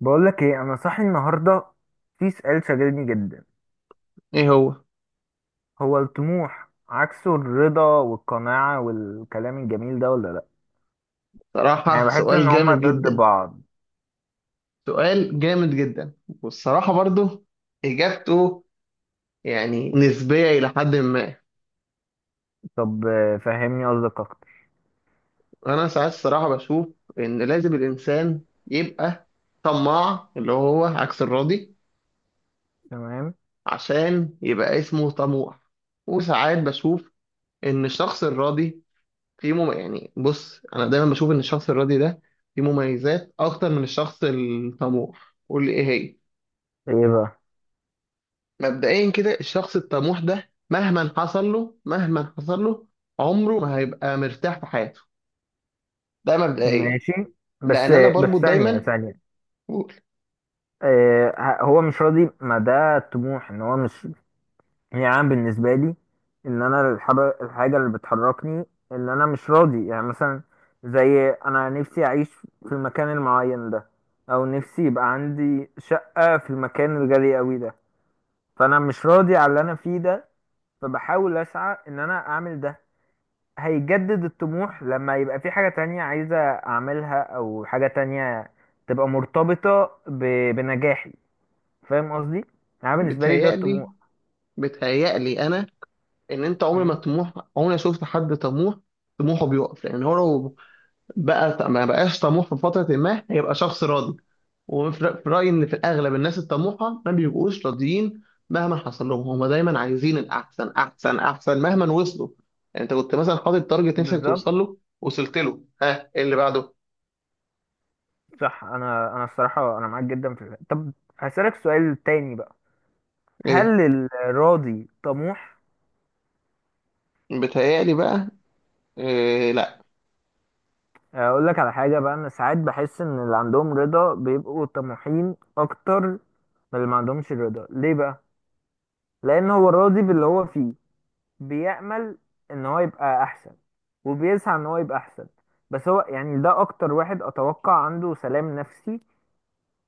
بقول لك ايه، انا صاحي النهارده. في سؤال شاغلني جدا. ايه هو؟ هو الطموح عكسه الرضا والقناعة والكلام الجميل ده ولا لا؟ يعني صراحة، بحس سؤال ان هما جامد ضد جدا، بعض. سؤال جامد جدا. والصراحة برضو اجابته يعني نسبية الى حد ما. طب، فهمني قصدك اكتر. انا ساعات الصراحة بشوف ان لازم الانسان يبقى طماع، اللي هو عكس الراضي، تمام. عشان يبقى اسمه طموح. وساعات بشوف ان الشخص الراضي فيه يعني بص، انا دايما بشوف ان الشخص الراضي ده فيه مميزات اكتر من الشخص الطموح. قول لي ايه هي. ايه بقى؟ مبدئيا كده الشخص الطموح ده، مهما حصل له، مهما حصل له، عمره ما هيبقى مرتاح في حياته. ده مبدئيا. ماشي. بس. لان انا بس بربط ثانية دايما، ثانية. بقول، هو مش راضي، ما ده الطموح، ان هو مش يعني بالنسبة لي، إن أنا الحاجة اللي بتحركني، إن أنا مش راضي، يعني مثلا زي أنا نفسي أعيش في المكان المعين ده، أو نفسي يبقى عندي شقة في المكان الغالي أوي ده. فأنا مش راضي على اللي أنا فيه ده، فبحاول أسعى إن أنا أعمل ده. هيجدد الطموح لما يبقى في حاجة تانية عايزة أعملها أو حاجة تانية تبقى مرتبطة بنجاحي. فاهم قصدي؟ يعني بالنسبة لي ده بتهيألي الطموح. بتهيألي انا ان انت م؟ عمري ما شفت حد طموح طموحه بيقف. لان هو لو بقى ما بقاش طموح في فترة ما، هيبقى شخص راضي. وفي في رأيي إن في الأغلب الناس الطموحة ما بيبقوش راضيين، مهما حصل لهم. هم دايما عايزين الأحسن، أحسن أحسن، مهما وصلوا. يعني أنت كنت مثلا حاطط تارجت نفسك بالظبط. توصل له، وصلت له، ها إيه اللي بعده؟ صح، انا الصراحه انا معاك جدا في الحتة. طب، هسألك سؤال تاني بقى. هل إيه؟ الراضي طموح؟ بيتهيألي بقى، إيه لا. اقول لك على حاجه بقى، انا ساعات بحس ان اللي عندهم رضا بيبقوا طموحين اكتر من اللي ما عندهمش رضا. ليه بقى؟ لان هو راضي باللي هو فيه، بيأمل ان هو يبقى احسن وبيسعى ان هو يبقى احسن. بس هو يعني ده اكتر واحد اتوقع عنده سلام نفسي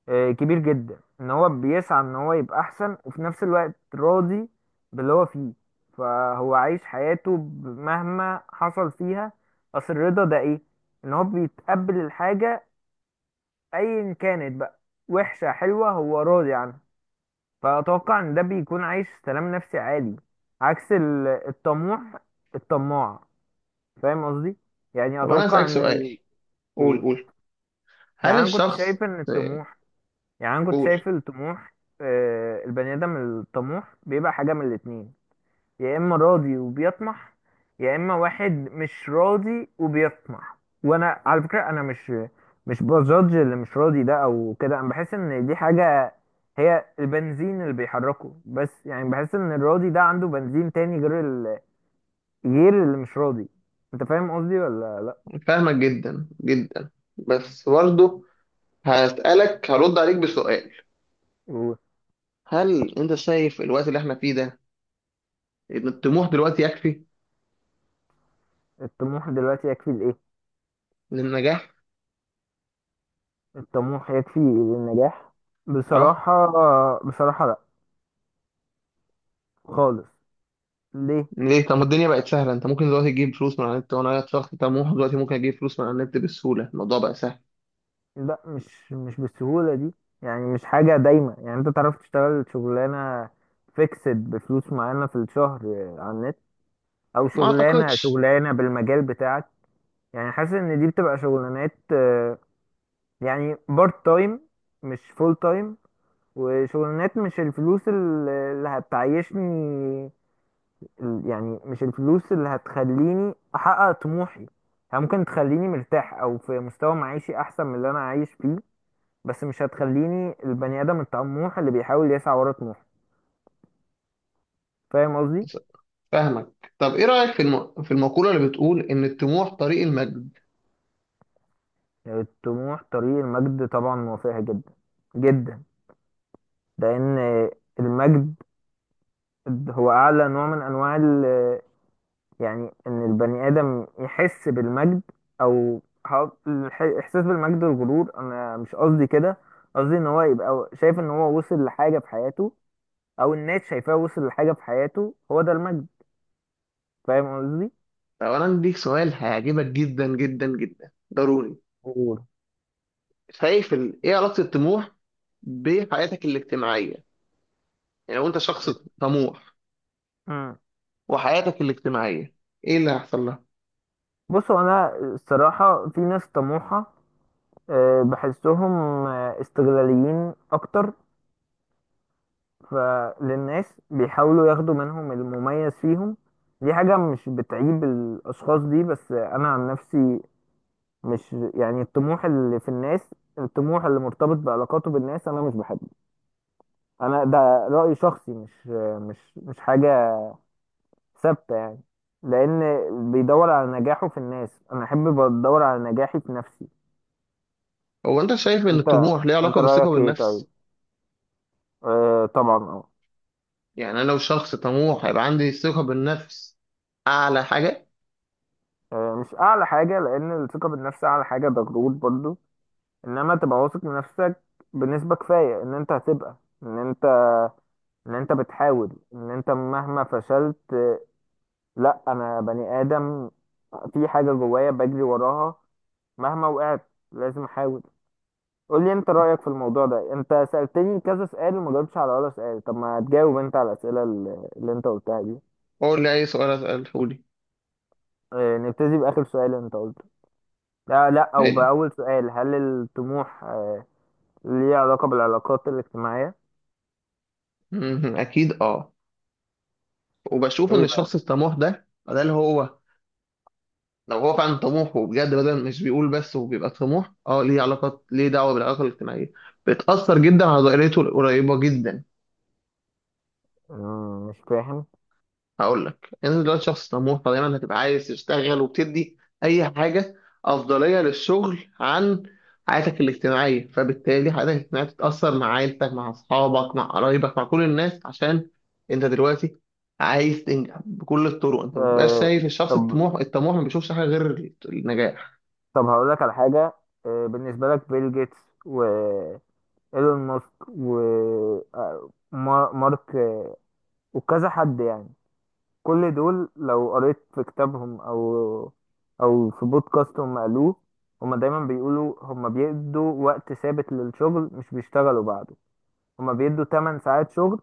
كبير جدا، ان هو بيسعى ان هو يبقى احسن وفي نفس الوقت راضي باللي هو فيه. فهو عايش حياته مهما حصل فيها. اصل الرضا ده ايه؟ ان هو بيتقبل الحاجة ايا كانت بقى، وحشة حلوة، هو راضي عنها. فاتوقع ان ده بيكون عايش سلام نفسي عالي، عكس الطموح الطماع. فاهم قصدي؟ يعني طب أنا اتوقع أسألك ان سؤال. قول قول. قول. هل يعني انا كنت الشخص... شايف ان إيه، الطموح يعني انا كنت قول. شايف الطموح. البني ادم الطموح بيبقى حاجه من الاتنين، يا اما راضي وبيطمح، يا اما واحد مش راضي وبيطمح. وانا على فكره انا مش بجادج اللي مش راضي ده او كده. انا بحس ان دي حاجه، هي البنزين اللي بيحركه. بس يعني بحس ان الراضي ده عنده بنزين تاني غير غير اللي مش راضي. انت فاهم قصدي ولا لا؟ فاهمك جدا جدا، بس برضه هسألك، هرد عليك بسؤال. هل أنت شايف الوقت اللي إحنا فيه ده الطموح دلوقتي يكفي والطموح دلوقتي يكفي لايه؟ للنجاح؟ الطموح يكفي للنجاح؟ اه. بصراحة، بصراحة لا، خالص. ليه؟ ليه؟ طب ما الدنيا بقت سهله، انت ممكن دلوقتي تجيب فلوس من على النت، وانا شخص طموح دلوقتي ممكن اجيب فلوس من على النت بسهوله، الموضوع بقى سهل. لا، مش بالسهولة دي. يعني مش حاجة دايما، يعني انت تعرف تشتغل شغلانة فيكسد بفلوس معينة في الشهر على النت، او ما شغلانة اعتقدش. شغلانة بالمجال بتاعك. يعني حاسس ان دي بتبقى شغلانات يعني بارت تايم، مش فول تايم. وشغلانات مش الفلوس اللي هتعيشني، يعني مش الفلوس اللي هتخليني احقق طموحي. هي ممكن تخليني مرتاح او في مستوى معيشي احسن من اللي انا عايش فيه، بس مش هتخليني البني ادم الطموح اللي بيحاول يسعى ورا طموحه. فاهم قصدي؟ فاهمك. طب ايه رايك في في المقوله اللي بتقول ان الطموح طريق المجد؟ الطموح طريق المجد، طبعا موافقها جدا جدا. لان المجد هو اعلى نوع من انواع يعني ان البني ادم يحس بالمجد، او الاحساس بالمجد والغرور، انا مش قصدي كده. قصدي ان هو يبقى شايف ان هو وصل لحاجه في حياته، او الناس شايفاه وصل لحاجه في حياته، هو ده المجد. فاهم قصدي؟ طب انا عندي ليك سؤال هيعجبك جدا جدا جدا، ضروري. غرور. شايف ايه علاقه الطموح بحياتك الاجتماعيه؟ يعني لو انت شخص طموح، مم. وحياتك الاجتماعيه ايه اللي هيحصل لها؟ بصوا، انا الصراحه في ناس طموحه بحسهم استغلاليين اكتر، فللناس بيحاولوا ياخدوا منهم المميز فيهم. دي حاجه مش بتعيب الاشخاص دي، بس انا عن نفسي مش يعني الطموح اللي في الناس، الطموح اللي مرتبط بعلاقاته بالناس، انا مش بحبه. انا ده رأي شخصي، مش مش حاجة ثابتة يعني، لان بيدور على نجاحه في الناس، انا احب بدور على نجاحي في نفسي. هو انت شايف ان انت الطموح ليه انت علاقه بالثقه رأيك ايه طيب؟ بالنفس؟ آه طبعا، اه. يعني انا لو شخص طموح هيبقى عندي ثقة بالنفس اعلى حاجة؟ مش اعلى حاجة، لان الثقة بالنفس اعلى حاجة ده غرور برضو. انما تبقى واثق من نفسك بنسبة كفاية ان انت هتبقى، ان انت ان انت بتحاول، ان انت مهما فشلت، لا، انا بني ادم في حاجه جوايا بجري وراها، مهما وقعت لازم احاول. قول لي انت رايك في الموضوع ده. انت سالتني كذا سؤال وما جاوبتش على ولا سؤال، طب ما تجاوب انت على الاسئله اللي انت قلتها دي. اقول لي اي سؤال اساله لي. نبتدي باخر سؤال انت قلته، لا لا، او حلو. باول سؤال. هل الطموح ليه علاقه بالعلاقات الاجتماعيه؟ مهم. اكيد اه. وبشوف ان ايه بقى؟ الشخص الطموح ده، ده اللي هو، لو هو فعلا طموح وبجد، بدل مش بيقول بس وبيبقى طموح، اه ليه علاقات، ليه دعوة بالعلاقة الاجتماعية. بتأثر جدا على دائرته القريبة جدا. مش فاهم. هقول لك، انت دلوقتي شخص طموح، فدايما هتبقى عايز تشتغل، وبتدي اي حاجه افضليه للشغل عن حياتك الاجتماعيه، فبالتالي حياتك الاجتماعيه بتتاثر، مع عيلتك، مع اصحابك، مع قرايبك، مع كل الناس، عشان انت دلوقتي عايز تنجح بكل الطرق. انت ما بتبقاش آه، شايف. الشخص طب الطموح، الطموح ما بيشوفش حاجه غير النجاح. طب هقول لك على حاجه. بالنسبه لك بيل جيتس و... ايلون ماسك و مارك، وكذا حد يعني. كل دول لو قريت في كتابهم او في بودكاست هم قالوه، هما دايما بيقولوا هما بيدوا وقت ثابت للشغل، مش بيشتغلوا بعده. هما بيدوا 8 ساعات شغل،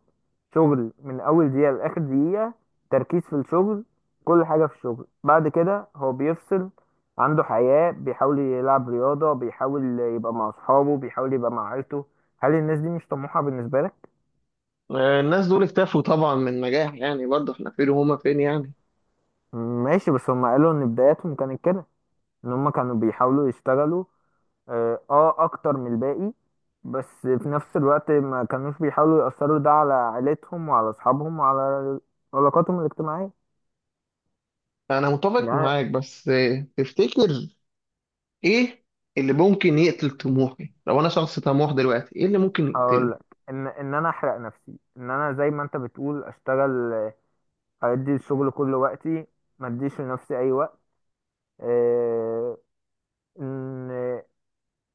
شغل من اول دقيقة لاخر دقيقة، تركيز في الشغل، كل حاجة في الشغل. بعد كده هو بيفصل، عنده حياة، بيحاول يلعب رياضة، بيحاول يبقى مع اصحابه، بيحاول يبقى مع عيلته. هل الناس دي مش طموحة بالنسبة لك؟ آه، الناس دول اكتفوا طبعا من النجاح، يعني برضه احنا فين وهما فين يعني. ماشي، بس هما قالوا ان بداياتهم كانت كده، ان هما كانوا بيحاولوا يشتغلوا اه آه اكتر من الباقي، بس في نفس الوقت ما كانوش بيحاولوا يأثروا ده على عيلتهم وعلى اصحابهم وعلى علاقاتهم الاجتماعية. انا متفق يعني معاك، بس آه، تفتكر ايه اللي ممكن يقتل طموحي؟ لو انا شخص طموح دلوقتي، ايه اللي ممكن هقول يقتله؟ لك ان ان انا احرق نفسي، ان انا زي ما انت بتقول اشتغل، ادي الشغل كل وقتي، ما اديش لنفسي اي وقت. آه، ان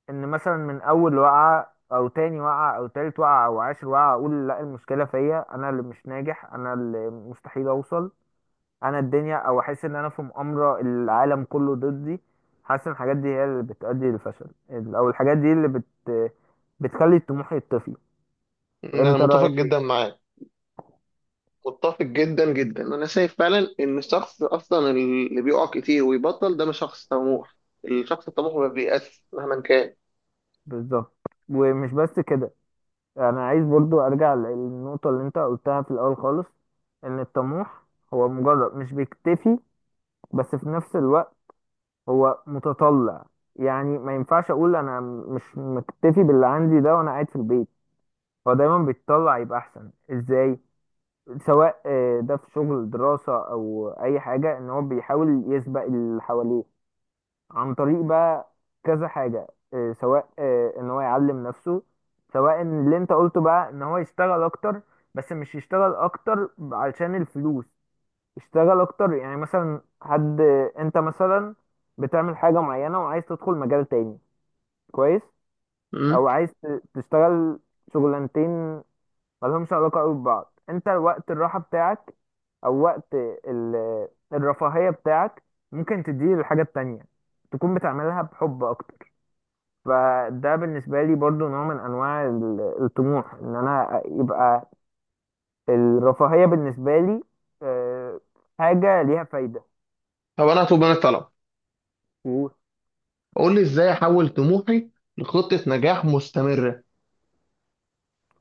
ان مثلا من اول وقعه او تاني وقعه او تالت وقعه او عاشر وقعه اقول لا المشكله فيا، انا اللي مش ناجح، انا اللي مستحيل اوصل، انا الدنيا، او احس ان انا في مؤامره، العالم كله ضدي. حاسس ان الحاجات دي هي اللي بتؤدي للفشل، او الحاجات دي اللي بتخلي الطموح يطفي. يعني انا انت متفق رايك جدا ايه؟ معاك. متفق جدا جدا، انا شايف فعلا ان الشخص اصلا اللي بيقع كتير ويبطل ده مش شخص طموح. الشخص الطموح ما بيأسش مهما كان. بالظبط. ومش بس كده، انا عايز برضو ارجع للنقطة اللي انت قلتها في الاول خالص، ان الطموح هو مجرد مش بيكتفي، بس في نفس الوقت هو متطلع. يعني ما ينفعش اقول انا مش مكتفي باللي عندي ده وانا قاعد في البيت. هو دايما بيتطلع يبقى احسن ازاي، سواء ده في شغل، دراسة، او اي حاجة، ان هو بيحاول يسبق اللي حواليه عن طريق بقى كذا حاجة. إيه، سواء إيه، ان هو يعلم نفسه، سواء إن اللي انت قلته بقى ان هو يشتغل اكتر، بس مش يشتغل اكتر علشان الفلوس. يشتغل اكتر، يعني مثلا حد، انت مثلا بتعمل حاجة معينة وعايز تدخل مجال تاني، كويس، امم. او عايز تشتغل شغلانتين ملهمش علاقة قوي ببعض. انت وقت الراحة بتاعك او وقت الرفاهية بتاعك ممكن تديه للحاجة التانية، تكون بتعملها بحب اكتر. فده بالنسبة لي برضو نوع من أنواع الطموح، إن أنا يبقى الرفاهية بالنسبة لي آه، حاجة ليها فايدة. طب انا هطلب منك طلب. مم. قول لي ازاي احول طموحي لخطة نجاح مستمرة.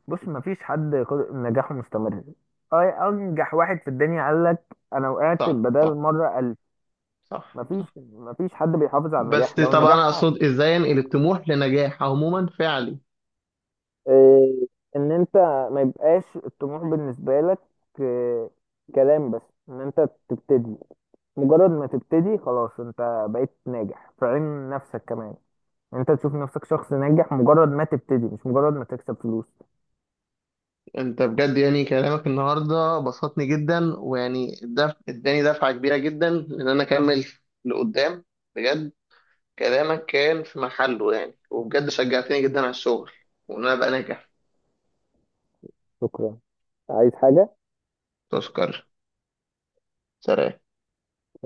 بص، مفيش حد نجاحه مستمر. أنجح واحد في الدنيا قال لك أنا وقعت صح بدل صح. مرة ألف. صح مفيش صح. مفيش حد بيحافظ على بس النجاح، لو طب انا النجاح اقصد، ازاي انقل الطموح لنجاح عموما فعلي؟ آه، إن أنت ما يبقاش الطموح بالنسبة لك آه، كلام بس، إن أنت تبتدي. مجرد ما تبتدي خلاص انت بقيت ناجح في عين نفسك كمان. انت تشوف نفسك شخص ناجح مجرد ما تبتدي، مش مجرد ما تكسب فلوس. انت بجد يعني كلامك النهارده بسطني جدا، ويعني اداني دفعه كبيره جدا ان انا اكمل لقدام. بجد كلامك كان في محله يعني، وبجد شجعتني جدا على الشغل، وان انا ابقى ناجح. شكرا، عايز حاجة؟ تشكر. سلام.